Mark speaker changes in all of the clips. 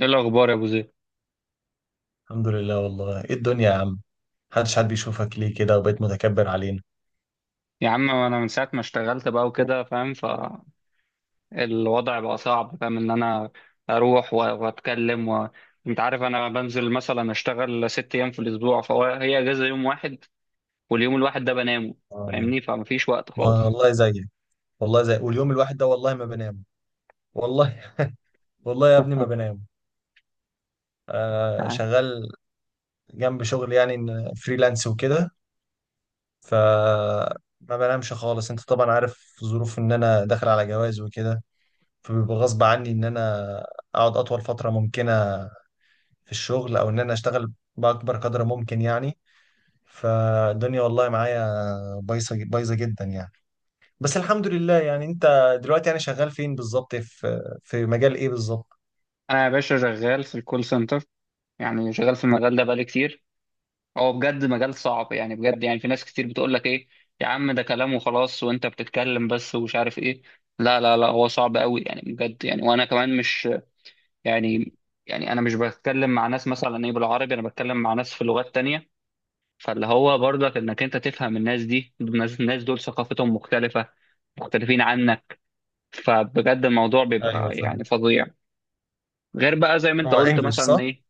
Speaker 1: ايه الاخبار يا ابو زيد؟
Speaker 2: الحمد لله. والله ايه الدنيا يا عم؟ محدش حد بيشوفك ليه كده وبقيت متكبر علينا؟
Speaker 1: يا عم انا من ساعه ما اشتغلت بقى وكده فاهم، فالوضع بقى صعب. فاهم ان انا اروح و- واتكلم و... انت عارف انا بنزل مثلا اشتغل ست ايام في الاسبوع، هي اجازه يوم واحد، واليوم الواحد ده بنامه.
Speaker 2: آه.
Speaker 1: فاهمني؟ فمفيش وقت
Speaker 2: ما
Speaker 1: خالص.
Speaker 2: والله زيك، والله زي واليوم الواحد ده، والله ما بنام، والله، والله يا ابني ما بنام، آه شغال جنب شغل، يعني إن فريلانس وكده. ف ما بنامش خالص. انت طبعا عارف ظروف ان انا داخل على جواز وكده، فبيبقى غصب عني ان انا اقعد اطول فترة ممكنة في الشغل، او ان انا اشتغل باكبر قدر ممكن يعني. فالدنيا والله معايا بايظه بايظه جدا يعني. بس الحمد لله. يعني انت دلوقتي يعني شغال فين بالظبط، في مجال ايه بالظبط؟
Speaker 1: انا يا باشا شغال في الكول سنتر، يعني شغال في المجال ده بقالي كتير. هو بجد مجال صعب يعني، بجد يعني في ناس كتير بتقول لك ايه، يا عم ده كلام وخلاص وانت بتتكلم بس ومش عارف ايه. لا، هو صعب قوي يعني بجد، يعني وانا كمان مش، يعني، يعني انا مش بتكلم مع ناس مثلا ايه بالعربي، انا بتكلم مع ناس في لغات تانية، فاللي هو برضك انك انت تفهم الناس دي، الناس دول ثقافتهم مختلفة، مختلفين عنك، فبجد الموضوع
Speaker 2: ايوه
Speaker 1: بيبقى
Speaker 2: صح.
Speaker 1: يعني فظيع. غير بقى زي ما انت
Speaker 2: هو
Speaker 1: قلت
Speaker 2: انجلش
Speaker 1: مثلا
Speaker 2: صح؟
Speaker 1: ايه.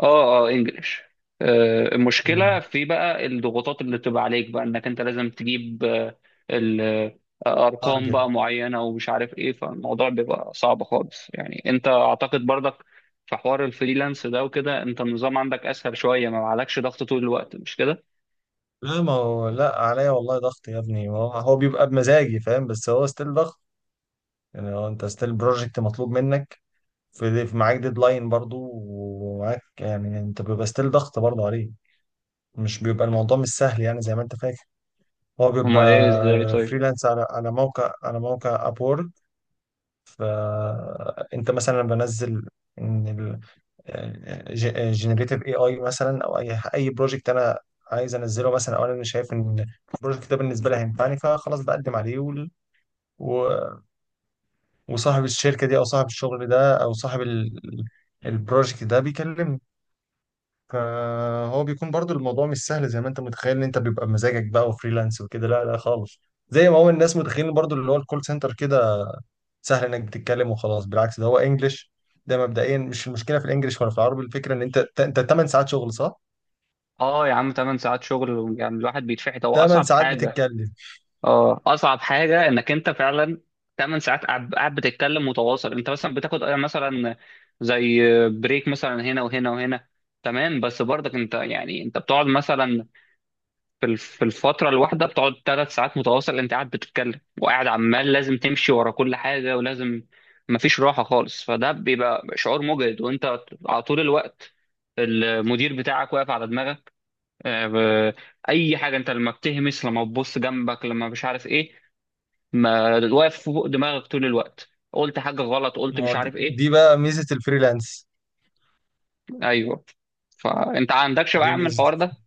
Speaker 1: اه انجلش. المشكله
Speaker 2: مم.
Speaker 1: في بقى الضغوطات اللي بتبقى عليك بقى، انك انت لازم تجيب ال- ارقام
Speaker 2: ارجل.
Speaker 1: بقى معينه ومش عارف ايه، فالموضوع بيبقى صعب خالص. يعني انت اعتقد برضك في حوار الفريلانس ده وكده، انت النظام عندك اسهل شويه، ما عليكش ضغط طول الوقت، مش كده؟
Speaker 2: لا ما هو لا، عليا والله ضغط يا ابني، هو بيبقى بمزاجي فاهم، بس هو ستيل ضغط يعني. هو انت ستيل بروجكت مطلوب منك، في معاك ديدلاين برضو، ومعاك يعني انت بيبقى ستيل ضغط برضو عليه، مش بيبقى الموضوع مش سهل يعني زي ما انت فاكر. هو
Speaker 1: امال ايه ازاي
Speaker 2: بيبقى
Speaker 1: طيب.
Speaker 2: فريلانس على موقع، على موقع اب. فانت مثلا لما بنزل، ان الجنريتيف اي اي مثلا، او اي اي بروجكت انا عايز انزله مثلا، او انا مش شايف ان البروجكت ده بالنسبه لي هينفعني، فخلاص بقدم عليه. و- وصاحب الشركه دي، او صاحب الشغل ده، او صاحب البروجكت ده بيكلمني، فهو بيكون برضو الموضوع مش سهل زي ما انت متخيل، ان انت بيبقى بمزاجك بقى وفريلانس وكده، لا لا خالص. زي ما هو الناس متخيلين برضو اللي هو الكول سنتر كده، سهل انك بتتكلم وخلاص، بالعكس ده هو انجلش. ده مبدئيا مش المشكله في الانجليش ولا في العربي، الفكره ان انت 8 ساعات شغل صح،
Speaker 1: اه يا عم، 8 ساعات شغل يعني الواحد بيتفحت، هو
Speaker 2: 8
Speaker 1: اصعب
Speaker 2: ساعات
Speaker 1: حاجه.
Speaker 2: بتتكلم.
Speaker 1: اه اصعب حاجه انك انت فعلا 8 ساعات قاعد، بتتكلم متواصل. انت مثلا بتاخد مثلا، زي بريك مثلا هنا وهنا وهنا، تمام، بس برضك انت يعني انت بتقعد مثلا في في الفتره الواحده بتقعد 3 ساعات متواصل انت قاعد بتتكلم، وقاعد عمال لازم تمشي ورا كل حاجه ولازم، مفيش راحه خالص، فده بيبقى شعور مجهد، وانت على طول الوقت المدير بتاعك واقف على دماغك. آه، ب- اي حاجه انت لما بتهمس، لما تبص جنبك، لما مش عارف ايه، ما واقف فوق دماغك طول الوقت، قلت حاجة غلط،
Speaker 2: ما
Speaker 1: قلت
Speaker 2: هو
Speaker 1: مش
Speaker 2: دي,
Speaker 1: عارف ايه.
Speaker 2: دي بقى ميزه الفريلانس.
Speaker 1: ايوه، فانت عندكش بقى
Speaker 2: دي
Speaker 1: يا عم
Speaker 2: ميزه.
Speaker 1: الحوار ده،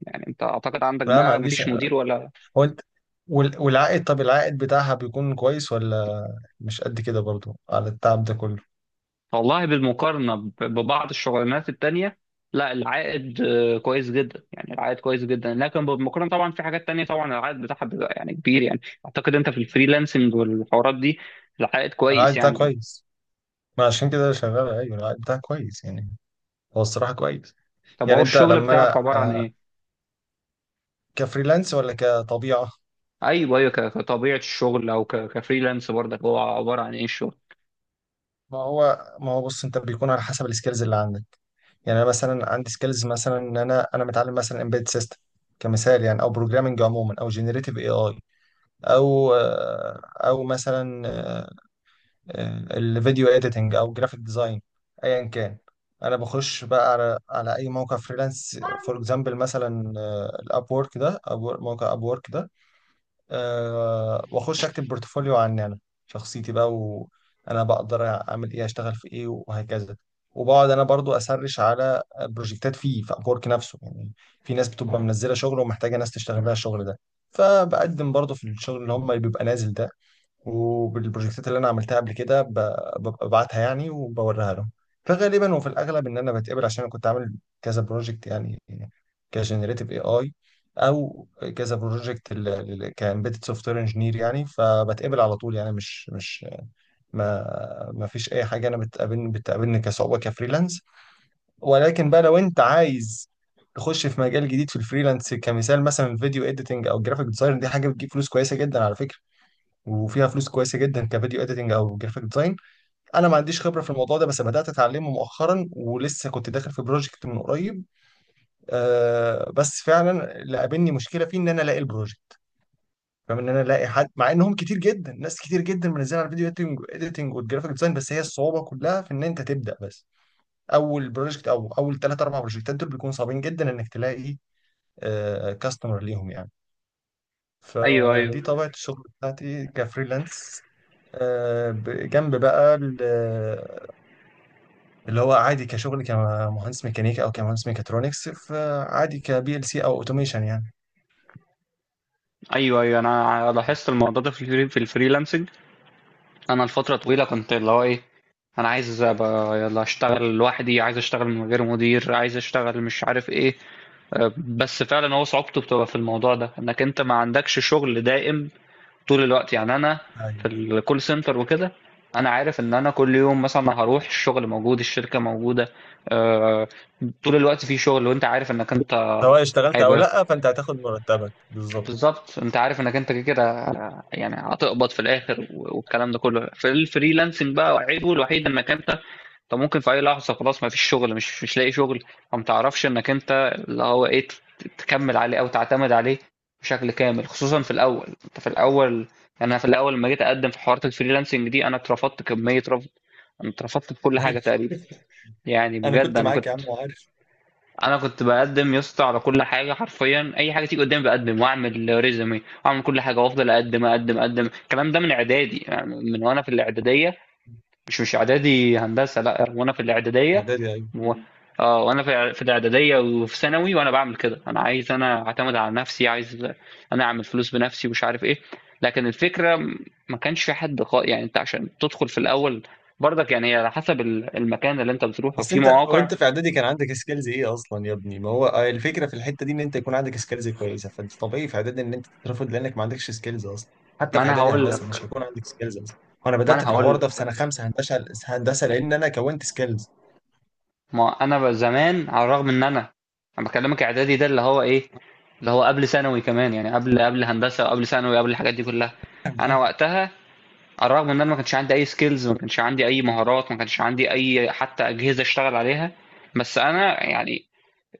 Speaker 1: يعني انت اعتقد عندك
Speaker 2: لا ما
Speaker 1: بقى
Speaker 2: عنديش.
Speaker 1: مفيش مدير ولا.
Speaker 2: هو انت والعائد، طب العائد بتاعها بيكون كويس، ولا مش قد كده برضو على التعب ده كله؟
Speaker 1: والله بالمقارنة ببعض الشغلانات التانية، لا العائد كويس جدا، يعني العائد كويس جدا، لكن بالمقارنة طبعا في حاجات تانية طبعا العائد بتاعها بيبقى يعني كبير. يعني اعتقد انت في الفريلانسنج والحوارات دي العائد
Speaker 2: العائد
Speaker 1: كويس
Speaker 2: بتاعها
Speaker 1: يعني.
Speaker 2: كويس. ما عشان كده شغال. ايوه العائد بتاعها كويس يعني، هو الصراحه كويس.
Speaker 1: طب
Speaker 2: يعني
Speaker 1: هو
Speaker 2: انت
Speaker 1: الشغل
Speaker 2: لما انا
Speaker 1: بتاعك عبارة عن ايه؟
Speaker 2: كفريلانس ولا كطبيعه؟
Speaker 1: ايوه ايوه، كطبيعة الشغل او كفريلانس برضك، هو عبارة عن ايه الشغل؟
Speaker 2: ما هو ما هو بص، انت بيكون على حسب السكيلز اللي عندك، يعني انا مثلا عندي سكيلز مثلا، ان انا متعلم مثلا امبيد سيستم كمثال يعني، او بروجرامنج عموما، او جنريتيف اي اي، او او مثلا الفيديو اديتنج، او جرافيك ديزاين، ايا كان. انا بخش بقى على اي موقع فريلانس فور اكزامبل. مثلا الاب وورك ده، موقع اب وورك ده، أه، واخش اكتب بورتفوليو عني انا شخصيتي بقى، وانا بقدر اعمل ايه، اشتغل في ايه، وهكذا. وبقعد انا برضو اسرش على بروجكتات فيه في ابورك نفسه يعني، في ناس بتبقى منزله شغل ومحتاجه ناس تشتغل لها الشغل ده، فبقدم برضو في الشغل اللي بيبقى نازل ده، وبالبروجكتات اللي انا عملتها قبل كده، ببقى ببعتها يعني وبوريها لهم. فغالبا وفي الاغلب ان انا بتقبل، عشان انا كنت عامل كذا بروجكت يعني كجنريتيف اي اي، او كذا بروجكت كامبيدد سوفت وير انجينير يعني، فبتقبل على طول يعني. مش ما ما فيش اي حاجه انا بتقابلني كصعوبه كفريلانس. ولكن بقى لو انت عايز تخش في مجال جديد في الفريلانس كمثال، مثلا الفيديو اديتنج او الجرافيك ديزاين، دي حاجه بتجيب فلوس كويسه جدا على فكره، وفيها فلوس كويسه جدا كفيديو اديتنج او جرافيك ديزاين. انا ما عنديش خبره في الموضوع ده، بس بدات اتعلمه مؤخرا، ولسه كنت داخل في بروجكت من قريب، آه. بس فعلا اللي قابلني مشكله فيه، ان انا الاقي البروجكت، فاهم، ان انا الاقي حد، مع انهم كتير جدا، ناس كتير جدا منزلين على الفيديو اديتنج والجرافيك ديزاين، بس هي الصعوبه كلها في ان انت تبدا بس. اول بروجكت، او اول 3 او 4 بروجكتات دول، بيكونوا صعبين جدا انك تلاقي آه كاستمر ليهم يعني.
Speaker 1: ايوه
Speaker 2: فدي
Speaker 1: ايوه.
Speaker 2: طبيعة الشغل بتاعتي كفريلانس. جنب بقى اللي هو عادي كشغل، كمهندس ميكانيكا، او كمهندس ميكاترونكس، فعادي كبي ال سي، او اوتوميشن يعني.
Speaker 1: ايوه ايوه، انا لاحظت الموضوع ده في الفريلانسنج. انا لفتره طويله كنت اللي هو ايه، انا عايز ابقى يلا اشتغل لوحدي، عايز اشتغل من غير مدير، عايز اشتغل مش عارف ايه. بس فعلا هو صعوبته بتبقى في الموضوع ده، انك انت ما عندكش شغل دائم طول الوقت. يعني انا في
Speaker 2: ايوه،
Speaker 1: الكول سنتر وكده انا عارف ان انا كل يوم مثلا هروح الشغل موجود، الشركه موجوده، أه، طول الوقت في شغل، وانت عارف انك انت
Speaker 2: سواء اشتغلت او
Speaker 1: هيبقى
Speaker 2: لا فانت هتاخد مرتبك بالظبط.
Speaker 1: بالظبط، انت عارف انك انت كده كده يعني هتقبض في الاخر. والكلام ده كله في الفريلانسنج بقى عيبه الوحيد انك انت ممكن في اي لحظه خلاص ما فيش شغل، مش لاقي شغل، فما تعرفش انك انت اللي هو ايه تكمل عليه او تعتمد عليه بشكل كامل، خصوصا في الاول. انت في الاول، يعني انا في الاول لما جيت اقدم في حوارات الفريلانسنج دي انا اترفضت كميه رفض، انا اترفضت في كل حاجه
Speaker 2: عارف.
Speaker 1: تقريبا. يعني
Speaker 2: انا
Speaker 1: بجد
Speaker 2: كنت
Speaker 1: انا
Speaker 2: معاك
Speaker 1: كنت،
Speaker 2: يا عم، عارف.
Speaker 1: انا كنت بقدم يا اسطى على كل حاجه، حرفيا اي حاجه تيجي قدامي بقدم واعمل ريزومي واعمل كل حاجه، وافضل اقدم. الكلام ده من اعدادي، يعني من وانا في الاعداديه، مش اعدادي هندسه، لا وانا في الاعداديه
Speaker 2: اعدادي.
Speaker 1: و... اه وانا في الاعداديه وفي ثانوي وانا بعمل كده. انا عايز انا اعتمد على نفسي، عايز انا اعمل فلوس بنفسي ومش عارف ايه. لكن الفكره ما كانش في حد خا... يعني انت عشان تدخل في الاول برضك، يعني هي على حسب المكان اللي انت بتروحه
Speaker 2: بس
Speaker 1: في
Speaker 2: انت، هو
Speaker 1: مواقع.
Speaker 2: انت في اعدادي كان عندك سكيلز ايه اصلا يا ابني؟ ما هو الفكره في الحته دي، ان انت يكون عندك سكيلز كويسه، فانت طبيعي في اعدادي ان انت تترفض، لانك ما عندكش سكيلز اصلا. حتى
Speaker 1: ما
Speaker 2: في
Speaker 1: انا
Speaker 2: اعدادي
Speaker 1: هقول
Speaker 2: هندسه مش
Speaker 1: لك
Speaker 2: هيكون عندك سكيلز اصلا. وانا
Speaker 1: ما
Speaker 2: بدات
Speaker 1: انا
Speaker 2: في
Speaker 1: هقول
Speaker 2: الحوار
Speaker 1: لك
Speaker 2: ده في سنه 5 هندسه. لان انا كونت سكيلز.
Speaker 1: ما انا بقى زمان على الرغم ان انا، انا بكلمك اعدادي ده اللي هو ايه، اللي هو قبل ثانوي كمان، يعني قبل هندسه وقبل ثانوي، قبل الحاجات دي كلها.
Speaker 2: فاهم
Speaker 1: انا
Speaker 2: فاهم.
Speaker 1: وقتها على الرغم ان انا ما كانش عندي اي سكيلز، ما كانش عندي اي مهارات، ما كانش عندي اي حتى اجهزه اشتغل عليها، بس انا يعني،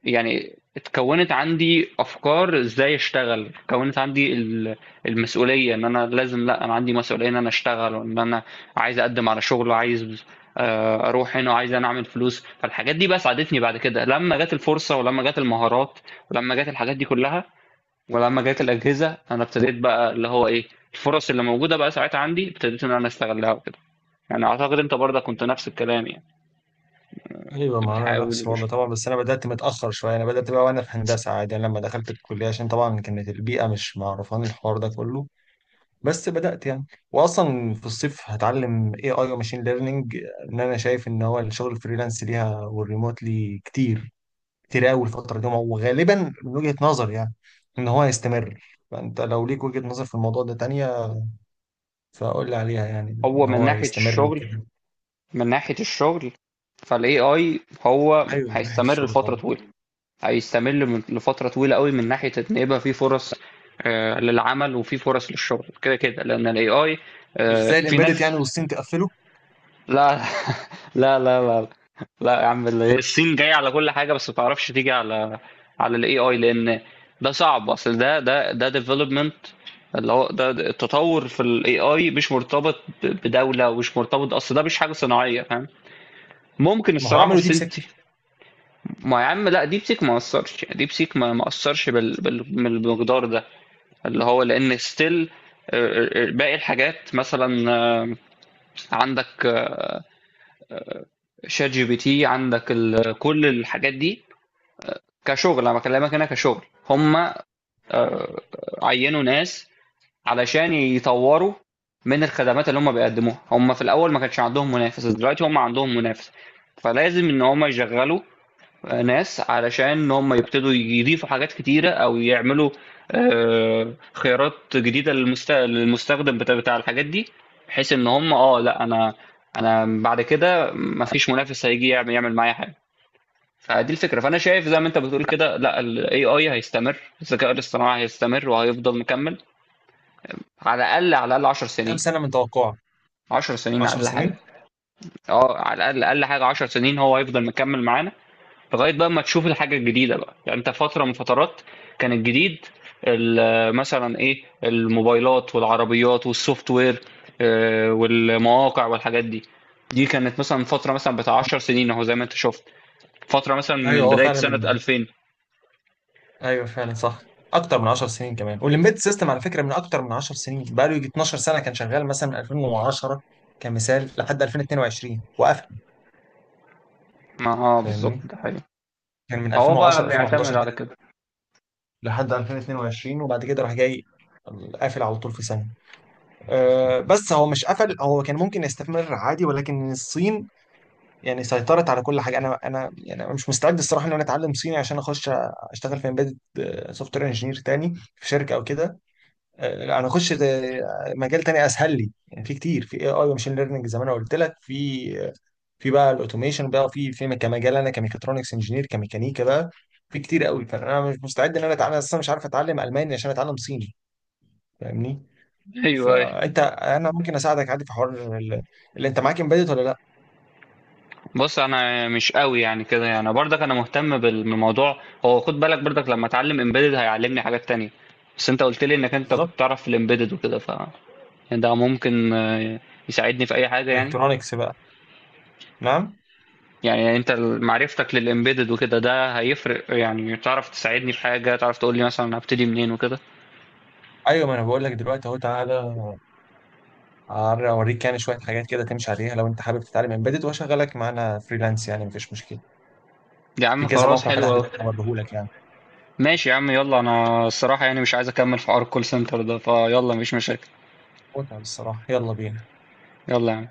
Speaker 1: يعني اتكونت عندي افكار ازاي اشتغل، اتكونت عندي المسؤوليه ان انا لازم، لا انا عندي مسؤوليه ان انا اشتغل، وان انا عايز اقدم على شغل، وعايز اروح هنا، وعايز انا اعمل فلوس. فالحاجات دي بقى ساعدتني بعد كده لما جت الفرصه، ولما جت المهارات، ولما جت الحاجات دي كلها، ولما جت الاجهزه، انا ابتديت بقى اللي هو ايه، الفرص اللي موجوده بقى ساعتها عندي ابتديت ان انا استغلها وكده. يعني اعتقد انت برضه كنت نفس الكلام يعني،
Speaker 2: ايوه،
Speaker 1: كنت
Speaker 2: ما انا نفس
Speaker 1: بتحاول
Speaker 2: الوضع طبعا، بس انا بدات متاخر شويه. انا بدات بقى وانا في هندسه عادي، انا لما دخلت الكليه، عشان طبعا كانت البيئه مش معرفاني الحوار ده كله، بس بدأت يعني. واصلا في الصيف هتعلم اي اي وماشين ليرنينج، ان انا شايف ان هو الشغل الفريلانس ليها والريموتلي كتير، كتير قوي الفترة دي، وغالبا من وجهة نظر يعني ان هو هيستمر. فانت لو ليك وجهة نظر في الموضوع ده تانية فقول لي عليها يعني، ان
Speaker 1: هو من
Speaker 2: هو
Speaker 1: ناحيه
Speaker 2: هيستمر
Speaker 1: الشغل،
Speaker 2: وكده.
Speaker 1: من ناحية الشغل، فال AI هو
Speaker 2: ايوه من ناحية
Speaker 1: هيستمر
Speaker 2: الشغل
Speaker 1: لفترة
Speaker 2: طبعا.
Speaker 1: طويلة. هيستمر لفترة طويلة قوي، من ناحية إن يبقى في فرص للعمل وفي فرص للشغل كده كده، لأن ال AI
Speaker 2: مش زي
Speaker 1: في
Speaker 2: الامبيدد
Speaker 1: ناس،
Speaker 2: يعني، والصين تقفله.
Speaker 1: لا لا، لا يا عم، الصين جاية على كل حاجة، بس ما تعرفش تيجي على على ال AI، لأن ده صعب. أصل ده development، اللي هو ده التطور في ال AI مش مرتبط بدولة، ومش مرتبط، أصل ده مش حاجة صناعية، فاهم؟ ممكن
Speaker 2: ما هو
Speaker 1: الصراحة
Speaker 2: عملوا دي
Speaker 1: السنتي،
Speaker 2: بسكة.
Speaker 1: ما يا عم لا، ديب سيك ما أثرش، ديب سيك ما أثرش بالمقدار ده، اللي هو لأن ستيل باقي الحاجات، مثلا عندك شات جي بي تي، عندك كل الحاجات دي. كشغل أنا بكلمك هنا، كشغل هم عينوا ناس علشان يطوروا من الخدمات اللي هم بيقدموها. هم في الأول ما كانش عندهم منافس، دلوقتي هم عندهم منافس، فلازم إن هم يشغلوا ناس علشان هم يبتدوا يضيفوا حاجات كتيرة، أو يعملوا خيارات جديدة للمستخدم بتاع الحاجات دي، بحيث إن هم اه لا، أنا أنا بعد كده مفيش منافس هيجي يعمل معايا حاجة. فدي الفكرة، فأنا شايف زي ما أنت بتقول كده، لا ال AI هيستمر، الذكاء الاصطناعي هيستمر وهيفضل مكمل على الأقل 10
Speaker 2: كام
Speaker 1: سنين.
Speaker 2: سنة من توقعه؟
Speaker 1: 10 سنين
Speaker 2: 10
Speaker 1: أقل حاجة.
Speaker 2: سنين.
Speaker 1: اه على الأقل، أقل حاجة 10 سنين هو هيفضل مكمل معانا، لغاية بقى ما تشوف الحاجة الجديدة بقى. يعني انت فترة من فترات كان الجديد مثلا ايه الموبايلات والعربيات والسوفت وير والمواقع والحاجات دي، دي كانت مثلا فترة مثلا بتاع 10 سنين، اهو زي ما انت شفت فترة مثلا
Speaker 2: ايوه
Speaker 1: من
Speaker 2: هو
Speaker 1: بداية
Speaker 2: فعلا
Speaker 1: سنة 2000.
Speaker 2: ايوه فعلا صح، اكتر من 10 سنين كمان. والامبيد سيستم على فكره من اكتر من 10 سنين بقى له، يجي 12 سنه كان شغال، مثلا من 2010 كمثال، لحد 2022 وقفل.
Speaker 1: ما اه بالظبط
Speaker 2: فاهمني،
Speaker 1: ده حقيقي،
Speaker 2: كان من
Speaker 1: فهو
Speaker 2: 2010
Speaker 1: بقى بيعتمد
Speaker 2: 2011 كده
Speaker 1: على كده.
Speaker 2: لحد 2022. وبعد كده راح جاي قافل على طول في سنه. أه، بس هو مش قفل، هو كان ممكن يستمر عادي، ولكن الصين يعني سيطرت على كل حاجه. انا يعني أنا مش مستعد الصراحه ان انا اتعلم صيني عشان اخش اشتغل في امبيد سوفت وير انجينير تاني في شركه او كده. انا اخش مجال تاني اسهل لي يعني. في كتير في اي اي وماشين ليرننج زي ما انا قلت لك، في في بقى الاوتوميشن بقى، في كمجال انا كميكاترونكس انجينير، كميكانيكا بقى، في كتير قوي. فانا مش مستعد ان انا اتعلم اصلا، مش عارف اتعلم الماني عشان اتعلم صيني. فاهمني؟
Speaker 1: ايوه،
Speaker 2: فانت انا ممكن اساعدك عادي في حوار ال- اللي انت معاك امبيدد ولا لا.
Speaker 1: بص انا مش قوي يعني كده يعني، برضك انا مهتم بالموضوع. هو خد بالك برضك لما اتعلم امبيدد هيعلمني حاجات تانية، بس انت قلت لي انك انت كنت
Speaker 2: بالظبط.
Speaker 1: تعرف في الامبيدد وكده، ف يعني ده ممكن يساعدني في اي حاجة يعني.
Speaker 2: الكترونكس بقى. نعم.
Speaker 1: يعني انت معرفتك للامبيدد وكده ده هيفرق، يعني تعرف تساعدني في حاجة، تعرف تقول لي مثلا هبتدي منين وكده.
Speaker 2: ايوه، ما انا بقول لك دلوقتي اهو، تعالى اوريك يعني شويه حاجات كده تمشي عليها، لو انت حابب تتعلم امبيدد واشغلك معانا فريلانس يعني مفيش مشكله.
Speaker 1: يا
Speaker 2: في
Speaker 1: عم
Speaker 2: كذا
Speaker 1: خلاص
Speaker 2: موقع فتح
Speaker 1: حلو قوي.
Speaker 2: دلوقتي هوريهولك يعني.
Speaker 1: ماشي يا عم، يلا انا الصراحة يعني مش عايز اكمل في حوار الكول سنتر ده، فيلا مفيش مشاكل.
Speaker 2: متعة بالصراحة، يلا بينا.
Speaker 1: يلا يا عم.